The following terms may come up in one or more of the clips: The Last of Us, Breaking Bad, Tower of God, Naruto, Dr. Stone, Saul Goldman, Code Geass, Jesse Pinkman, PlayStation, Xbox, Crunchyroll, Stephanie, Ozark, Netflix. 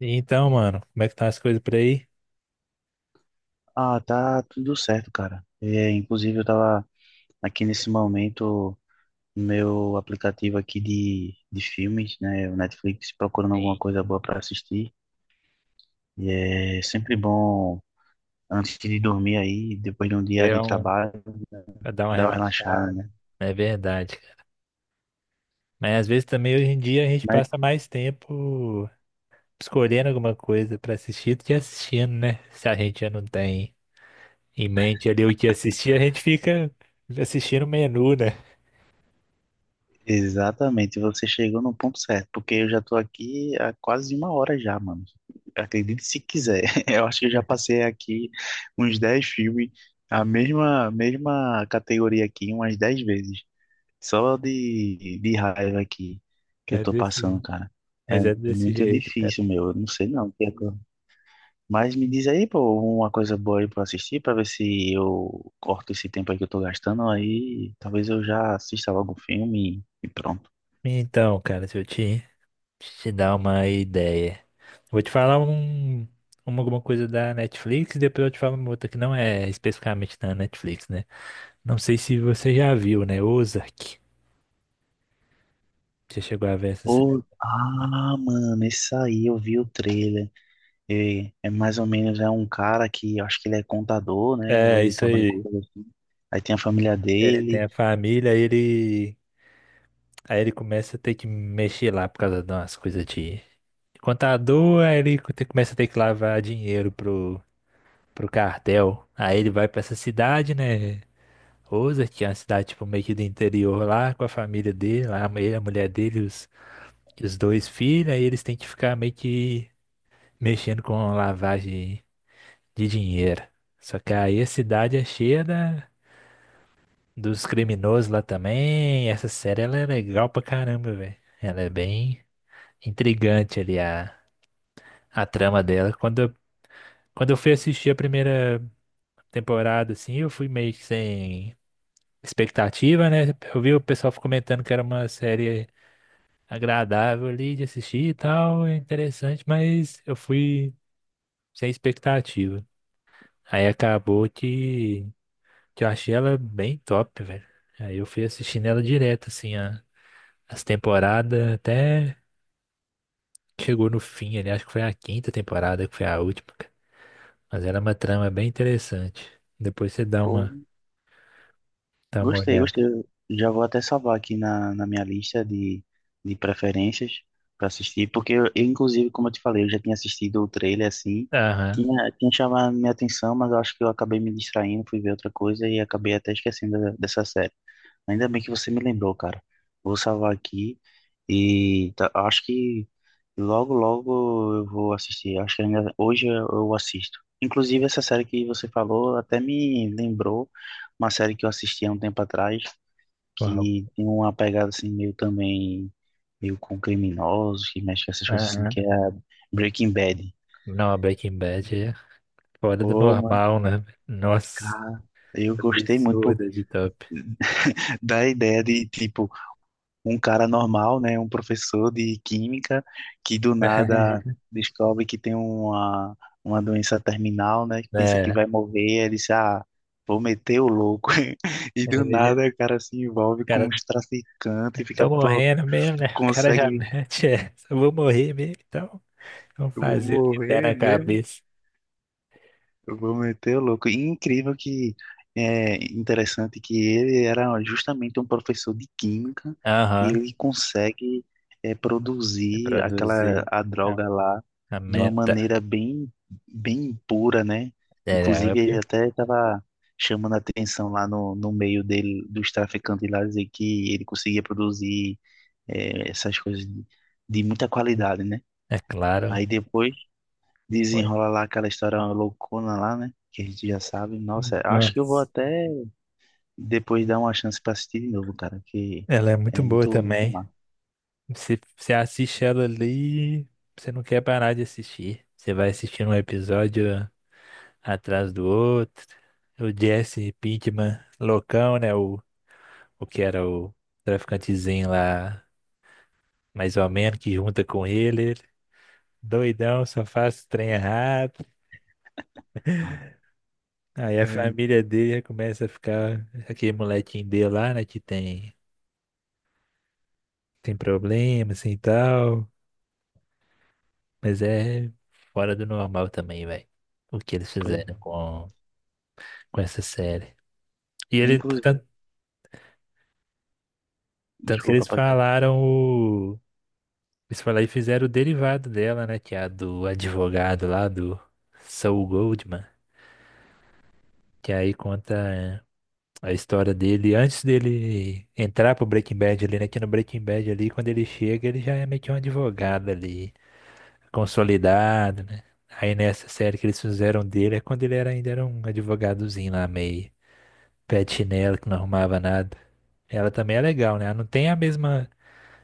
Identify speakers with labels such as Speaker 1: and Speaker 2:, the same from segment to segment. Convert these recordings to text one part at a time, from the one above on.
Speaker 1: Então, mano, como é que estão as coisas por aí?
Speaker 2: Ah, tá tudo certo, cara. É, inclusive, eu tava aqui nesse momento no meu aplicativo aqui de filmes, né? O Netflix, procurando alguma
Speaker 1: Sim.
Speaker 2: coisa boa para assistir. E é sempre bom, antes de dormir aí, depois de um dia
Speaker 1: Ver
Speaker 2: de
Speaker 1: um,
Speaker 2: trabalho,
Speaker 1: pra dar uma
Speaker 2: dar uma relaxada,
Speaker 1: relaxada.
Speaker 2: né?
Speaker 1: É verdade, cara. Mas às vezes também hoje em dia a gente
Speaker 2: Mas
Speaker 1: passa mais tempo escolhendo alguma coisa pra assistir do que assistindo, né? Se a gente já não tem em mente ali o que assistir, a gente fica assistindo o menu, né?
Speaker 2: Exatamente, você chegou no ponto certo, porque eu já tô aqui há quase 1 hora já, mano. Acredite se quiser. Eu acho que eu já passei aqui uns 10 filmes, a mesma categoria aqui umas 10 vezes, só de raiva aqui que eu
Speaker 1: É
Speaker 2: tô passando,
Speaker 1: desse,
Speaker 2: cara. É
Speaker 1: mas é desse
Speaker 2: muito
Speaker 1: jeito, cara.
Speaker 2: difícil, meu. Eu não sei não. o que é que eu- Mas me diz aí, pô, uma coisa boa aí pra assistir, pra ver se eu corto esse tempo aí que eu tô gastando, aí talvez eu já assista logo um filme e pronto.
Speaker 1: Então, cara, se eu te dar uma ideia. Vou te falar alguma coisa da Netflix e depois eu te falo uma outra que não é especificamente da Netflix, né? Não sei se você já viu, né? Ozark. Você chegou a ver essa série?
Speaker 2: Ô, ah, mano, esse aí eu vi o trailer. É, mais ou menos é um cara que eu acho que ele é contador, né? Ou
Speaker 1: É,
Speaker 2: ele
Speaker 1: isso
Speaker 2: trabalha com
Speaker 1: aí.
Speaker 2: coisa assim. Aí tem a família
Speaker 1: Ele tem
Speaker 2: dele.
Speaker 1: a família, ele. Aí ele começa a ter que mexer lá por causa de umas coisas de contador, aí ele começa a ter que lavar dinheiro pro cartel. Aí ele vai pra essa cidade, né? Rosa, que é uma cidade tipo, meio que do interior lá, com a família dele, lá, ele, a mulher dele, os dois filhos, aí eles têm que ficar meio que mexendo com lavagem de dinheiro. Só que aí a cidade é cheia dos criminosos lá também. Essa série ela é legal pra caramba, velho. Ela é bem intrigante ali a trama dela. Quando eu fui assistir a primeira temporada, assim, eu fui meio que sem expectativa, né? Eu vi o pessoal comentando que era uma série agradável ali de assistir e tal, é interessante, mas eu fui sem expectativa. Aí acabou que eu achei ela bem top, velho. Aí eu fui assistindo ela direto, assim, as temporadas, até chegou no fim ali, acho que foi a quinta temporada que foi a última, cara. Mas era uma trama bem interessante. Depois você dá
Speaker 2: Pô,
Speaker 1: uma, dá uma
Speaker 2: gostei,
Speaker 1: olhada.
Speaker 2: gostei. Eu já vou até salvar aqui na minha lista de preferências para assistir, porque eu, inclusive, como eu te falei, eu já tinha assistido o trailer assim.
Speaker 1: Aham.
Speaker 2: Tinha chamado minha atenção, mas eu acho que eu acabei me distraindo, fui ver outra coisa e acabei até esquecendo dessa série. Ainda bem que você me lembrou, cara. Vou salvar aqui e acho que logo, logo eu vou assistir. Acho que ainda hoje eu assisto. Inclusive, essa série que você falou até me lembrou uma série que eu assisti há um tempo atrás,
Speaker 1: Uau.
Speaker 2: que tem uma pegada assim meio também, meio com criminosos, que mexe com essas coisas assim,
Speaker 1: Aham.
Speaker 2: que é a Breaking Bad.
Speaker 1: Não, a Breaking Bad é fora do
Speaker 2: Pô, mano,
Speaker 1: normal, né? Nossa,
Speaker 2: cara, eu gostei muito
Speaker 1: absurda de top.
Speaker 2: da ideia de, tipo, um cara normal, né, um professor de química que do nada descobre que tem uma doença terminal, né, que pensa que
Speaker 1: É,
Speaker 2: vai morrer, ele diz, ah, vou meter o louco. E do
Speaker 1: ele já, o
Speaker 2: nada o cara se envolve com
Speaker 1: cara,
Speaker 2: os traficantes,
Speaker 1: tô morrendo mesmo, né? O cara já
Speaker 2: consegue,
Speaker 1: mete essa, eu vou morrer mesmo, então vamos
Speaker 2: eu vou
Speaker 1: fazer o que der
Speaker 2: morrer
Speaker 1: na
Speaker 2: mesmo.
Speaker 1: cabeça.
Speaker 2: Eu vou meter o louco. E incrível que é interessante que ele era justamente um professor de química e
Speaker 1: Aham.
Speaker 2: ele consegue produzir aquela
Speaker 1: Reproduzir
Speaker 2: a
Speaker 1: a,
Speaker 2: droga lá
Speaker 1: a
Speaker 2: de uma
Speaker 1: meta.
Speaker 2: maneira bem bem pura, né?
Speaker 1: Era
Speaker 2: Inclusive ele
Speaker 1: óbvio,
Speaker 2: até estava chamando a atenção lá no meio dele dos traficantes lá dizer que ele conseguia produzir essas coisas de muita qualidade, né?
Speaker 1: é claro.
Speaker 2: Aí depois
Speaker 1: Foi.
Speaker 2: desenrola lá aquela história loucona lá, né? Que a gente já sabe. Nossa, acho que eu vou
Speaker 1: Nossa,
Speaker 2: até depois dar uma chance pra assistir de novo, cara, que
Speaker 1: ela é muito
Speaker 2: é
Speaker 1: boa
Speaker 2: muito, muito
Speaker 1: também.
Speaker 2: massa.
Speaker 1: Você assiste ela ali, você não quer parar de assistir. Você vai assistindo um episódio atrás do outro. O Jesse Pinkman, loucão, né? O que era o traficantezinho lá, mais ou menos, que junta com ele. Ele doidão, só faz trem errado. Aí a
Speaker 2: É,
Speaker 1: família dele já começa a ficar. Aquele molequinho dele lá, né? Que tem problema, assim e tal. Mas é fora do normal também, velho. O que eles
Speaker 2: foi.
Speaker 1: fizeram com essa série. E ele,
Speaker 2: Inclusive,
Speaker 1: tanto, que
Speaker 2: desculpa,
Speaker 1: eles
Speaker 2: Paquita.
Speaker 1: falaram o. Eles falaram e fizeram o derivado dela, né? Que é a do advogado lá, do Saul Goldman. Que aí conta. A história dele, antes dele entrar pro Breaking Bad ali, né? Que no Breaking Bad ali, quando ele chega, ele já é meio que um advogado ali, consolidado, né? Aí nessa série que eles fizeram dele é quando ele era, ainda era um advogadozinho lá, meio pé de chinelo, que não arrumava nada. Ela também é legal, né? Ela não tem a mesma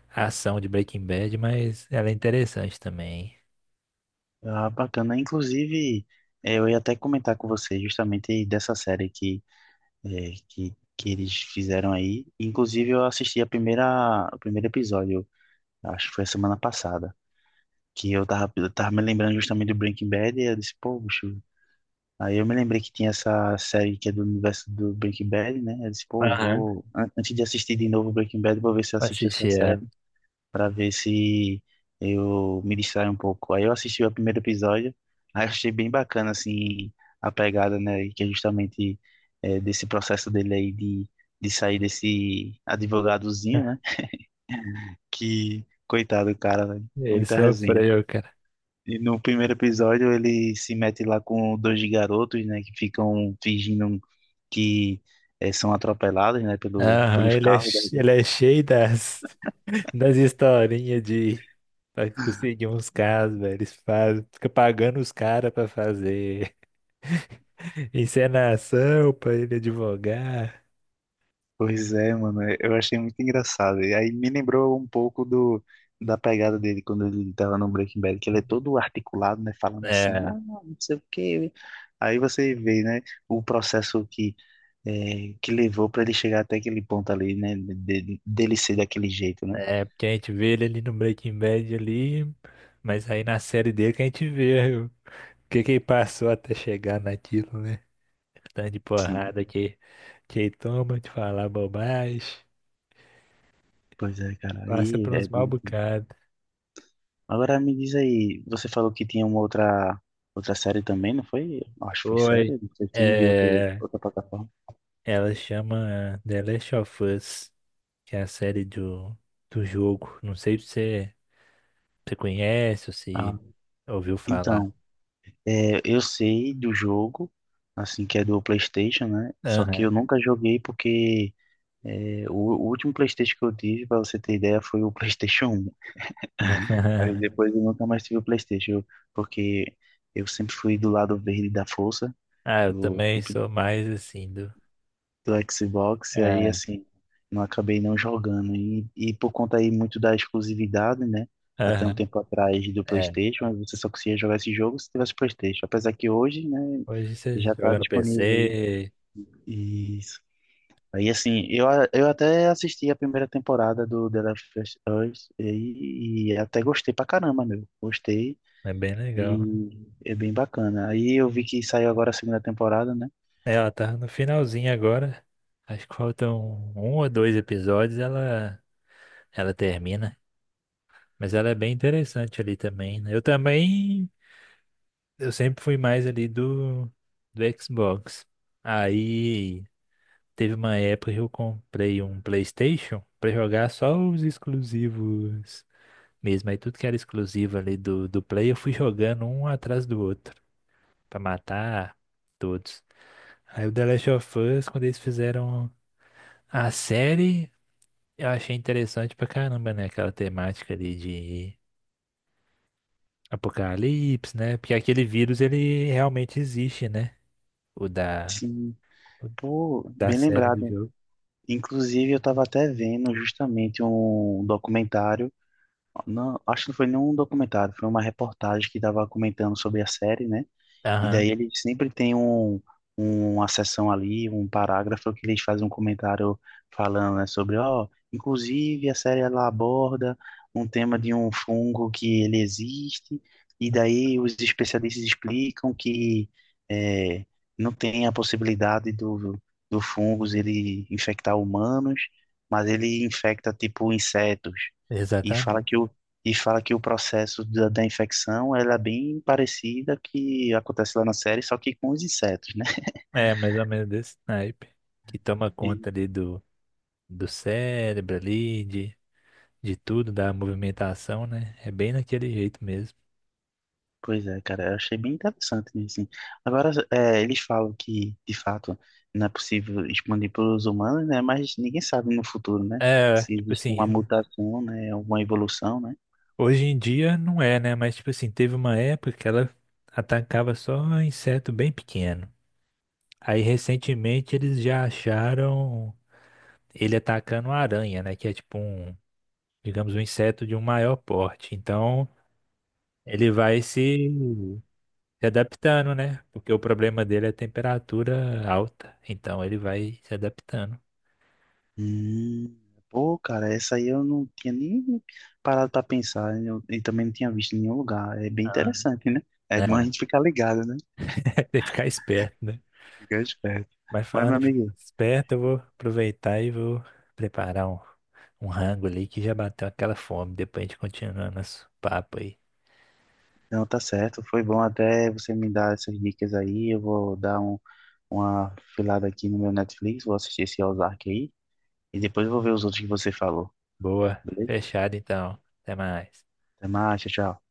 Speaker 1: ação de Breaking Bad, mas ela é interessante também.
Speaker 2: Ah, bacana. Inclusive, eu ia até comentar com você justamente dessa série que eles fizeram aí. Inclusive, eu assisti o primeiro episódio, acho que foi a semana passada, que eu tava me lembrando justamente do Breaking Bad e eu disse, pô, bicho. Aí eu me lembrei que tinha essa série que é do universo do Breaking Bad, né? Eu disse, pô, eu
Speaker 1: Aham.
Speaker 2: vou. Antes de assistir de novo Breaking Bad, vou ver se eu
Speaker 1: Pra
Speaker 2: assisto essa
Speaker 1: assistir
Speaker 2: série,
Speaker 1: ela.
Speaker 2: pra ver se eu me distraio um pouco. Aí eu assisti o primeiro episódio, aí eu achei bem bacana, assim, a pegada, né? Que é justamente desse processo dele aí de sair desse advogadozinho, né? Que, coitado, do cara, velho,
Speaker 1: Ele
Speaker 2: muita resenha.
Speaker 1: sofreu, cara.
Speaker 2: E no primeiro episódio ele se mete lá com dois garotos, né, que ficam fingindo um que são atropeladas, né, pelo,
Speaker 1: Aham,
Speaker 2: pelos
Speaker 1: ele é,
Speaker 2: carros, né?
Speaker 1: ele é cheio das. Das historinhas de pra conseguir uns casos, velho. Eles fazem, fica pagando os caras pra fazer encenação, pra ele advogar.
Speaker 2: Pois é, mano, eu achei muito engraçado. E aí me lembrou um pouco da pegada dele quando ele tava no Breaking Bad, que ele é todo articulado, né, falando assim,
Speaker 1: É,
Speaker 2: não, não sei o quê. Aí você vê, né, o processo que levou para ele chegar até aquele ponto ali, né, dele ser daquele jeito, né?
Speaker 1: porque a gente vê ele ali no Breaking Bad ali, mas aí na série dele que a gente vê o que que ele passou até chegar naquilo, né? Tanto de
Speaker 2: Sim,
Speaker 1: porrada que ele toma de falar bobagem,
Speaker 2: pois é, cara.
Speaker 1: passa
Speaker 2: Aí
Speaker 1: por
Speaker 2: é
Speaker 1: uns mal bocados.
Speaker 2: Agora me diz aí, você falou que tinha outra série também, não foi? Acho que foi série,
Speaker 1: Foi.
Speaker 2: não sei, filme de
Speaker 1: É,
Speaker 2: outra plataforma.
Speaker 1: ela chama The Last of Us. Que é a série do jogo. Não sei se você conhece ou
Speaker 2: Ah,
Speaker 1: se ouviu falar.
Speaker 2: então, é, eu sei do jogo, assim, que é do PlayStation, né? Só que eu
Speaker 1: Aham.
Speaker 2: nunca joguei porque o último PlayStation que eu tive, pra você ter ideia, foi o PlayStation 1. Aí depois eu nunca mais tive o PlayStation, porque eu sempre fui do lado verde da força.
Speaker 1: Ah, eu
Speaker 2: Eu
Speaker 1: também
Speaker 2: sempre
Speaker 1: sou mais assim do.
Speaker 2: do Xbox, e aí
Speaker 1: É,
Speaker 2: assim, não acabei não jogando. E, por conta aí muito da exclusividade, né? Até um
Speaker 1: aham,
Speaker 2: tempo atrás do
Speaker 1: é.
Speaker 2: PlayStation, aí você só conseguia jogar esse jogo se tivesse PlayStation. Apesar que hoje, né,
Speaker 1: Hoje você
Speaker 2: já tá
Speaker 1: joga no
Speaker 2: disponível
Speaker 1: PC,
Speaker 2: aí. Isso. Aí assim, eu até assisti a primeira temporada do The Last of Us e até gostei pra caramba, meu. Gostei
Speaker 1: é bem legal.
Speaker 2: e é bem bacana. Aí eu vi que saiu agora a segunda temporada, né?
Speaker 1: É, ela tá no finalzinho agora. Acho que faltam um ou dois episódios, ela termina. Mas ela é bem interessante ali também, né? Eu também, eu sempre fui mais ali do Xbox. Aí teve uma época que eu comprei um PlayStation pra jogar só os exclusivos mesmo. Aí tudo que era exclusivo ali do Play, eu fui jogando um atrás do outro pra matar todos. Aí o The Last of Us, quando eles fizeram a série, eu achei interessante pra caramba, né? Aquela temática ali de apocalipse, né? Porque aquele vírus, ele realmente existe, né? O da,
Speaker 2: Sim,
Speaker 1: o
Speaker 2: pô,
Speaker 1: da
Speaker 2: bem
Speaker 1: série do
Speaker 2: lembrado.
Speaker 1: jogo.
Speaker 2: Inclusive, eu estava até vendo justamente um documentário, não, acho que não foi nenhum documentário, foi uma reportagem que estava comentando sobre a série, né? E
Speaker 1: Aham,
Speaker 2: daí ele sempre tem uma seção ali, um parágrafo que eles fazem um comentário falando, né, sobre, ó, inclusive a série ela aborda um tema de um fungo que ele existe, e daí os especialistas explicam que é, não tem a possibilidade do fungos ele infectar humanos, mas ele infecta tipo insetos. E fala
Speaker 1: exatamente.
Speaker 2: que o e fala que o processo da infecção ela é bem parecida que acontece lá na série, só que com os insetos, né?
Speaker 1: É, mais ou menos desse naipe. Que toma conta
Speaker 2: E,
Speaker 1: ali do cérebro ali, de tudo, da movimentação, né? É bem naquele jeito mesmo.
Speaker 2: pois é, cara, eu achei bem interessante nisso. Assim. Agora, eles falam que, de fato, não é possível expandir para os humanos, né? Mas ninguém sabe no futuro, né?
Speaker 1: É,
Speaker 2: Se
Speaker 1: tipo
Speaker 2: existe uma
Speaker 1: assim,
Speaker 2: mutação, né? Alguma evolução, né?
Speaker 1: hoje em dia não é, né? Mas tipo assim, teve uma época que ela atacava só inseto bem pequeno. Aí recentemente eles já acharam ele atacando a aranha, né? Que é tipo um, digamos, um inseto de um maior porte. Então ele vai se adaptando, né? Porque o problema dele é a temperatura alta, então ele vai se adaptando.
Speaker 2: Hum, pô, cara, essa aí eu não tinha nem parado para pensar e também não tinha visto em nenhum lugar. É bem
Speaker 1: Ah,
Speaker 2: interessante, né? É bom a
Speaker 1: né?
Speaker 2: gente ficar ligado, né?
Speaker 1: Tem que ficar esperto, né?
Speaker 2: Fica esperto.
Speaker 1: Mas
Speaker 2: Mas, meu
Speaker 1: falando em
Speaker 2: amigo,
Speaker 1: esperto, eu vou aproveitar e vou preparar um rango ali que já bateu aquela fome. Depois a gente continua nosso papo aí.
Speaker 2: não tá certo. Foi bom até você me dar essas dicas aí. Eu vou dar uma filada aqui no meu Netflix, vou assistir esse Ozark aí. E depois eu vou ver os outros que você falou.
Speaker 1: Boa,
Speaker 2: Beleza?
Speaker 1: fechado então. Até mais.
Speaker 2: Até mais, tchau, tchau.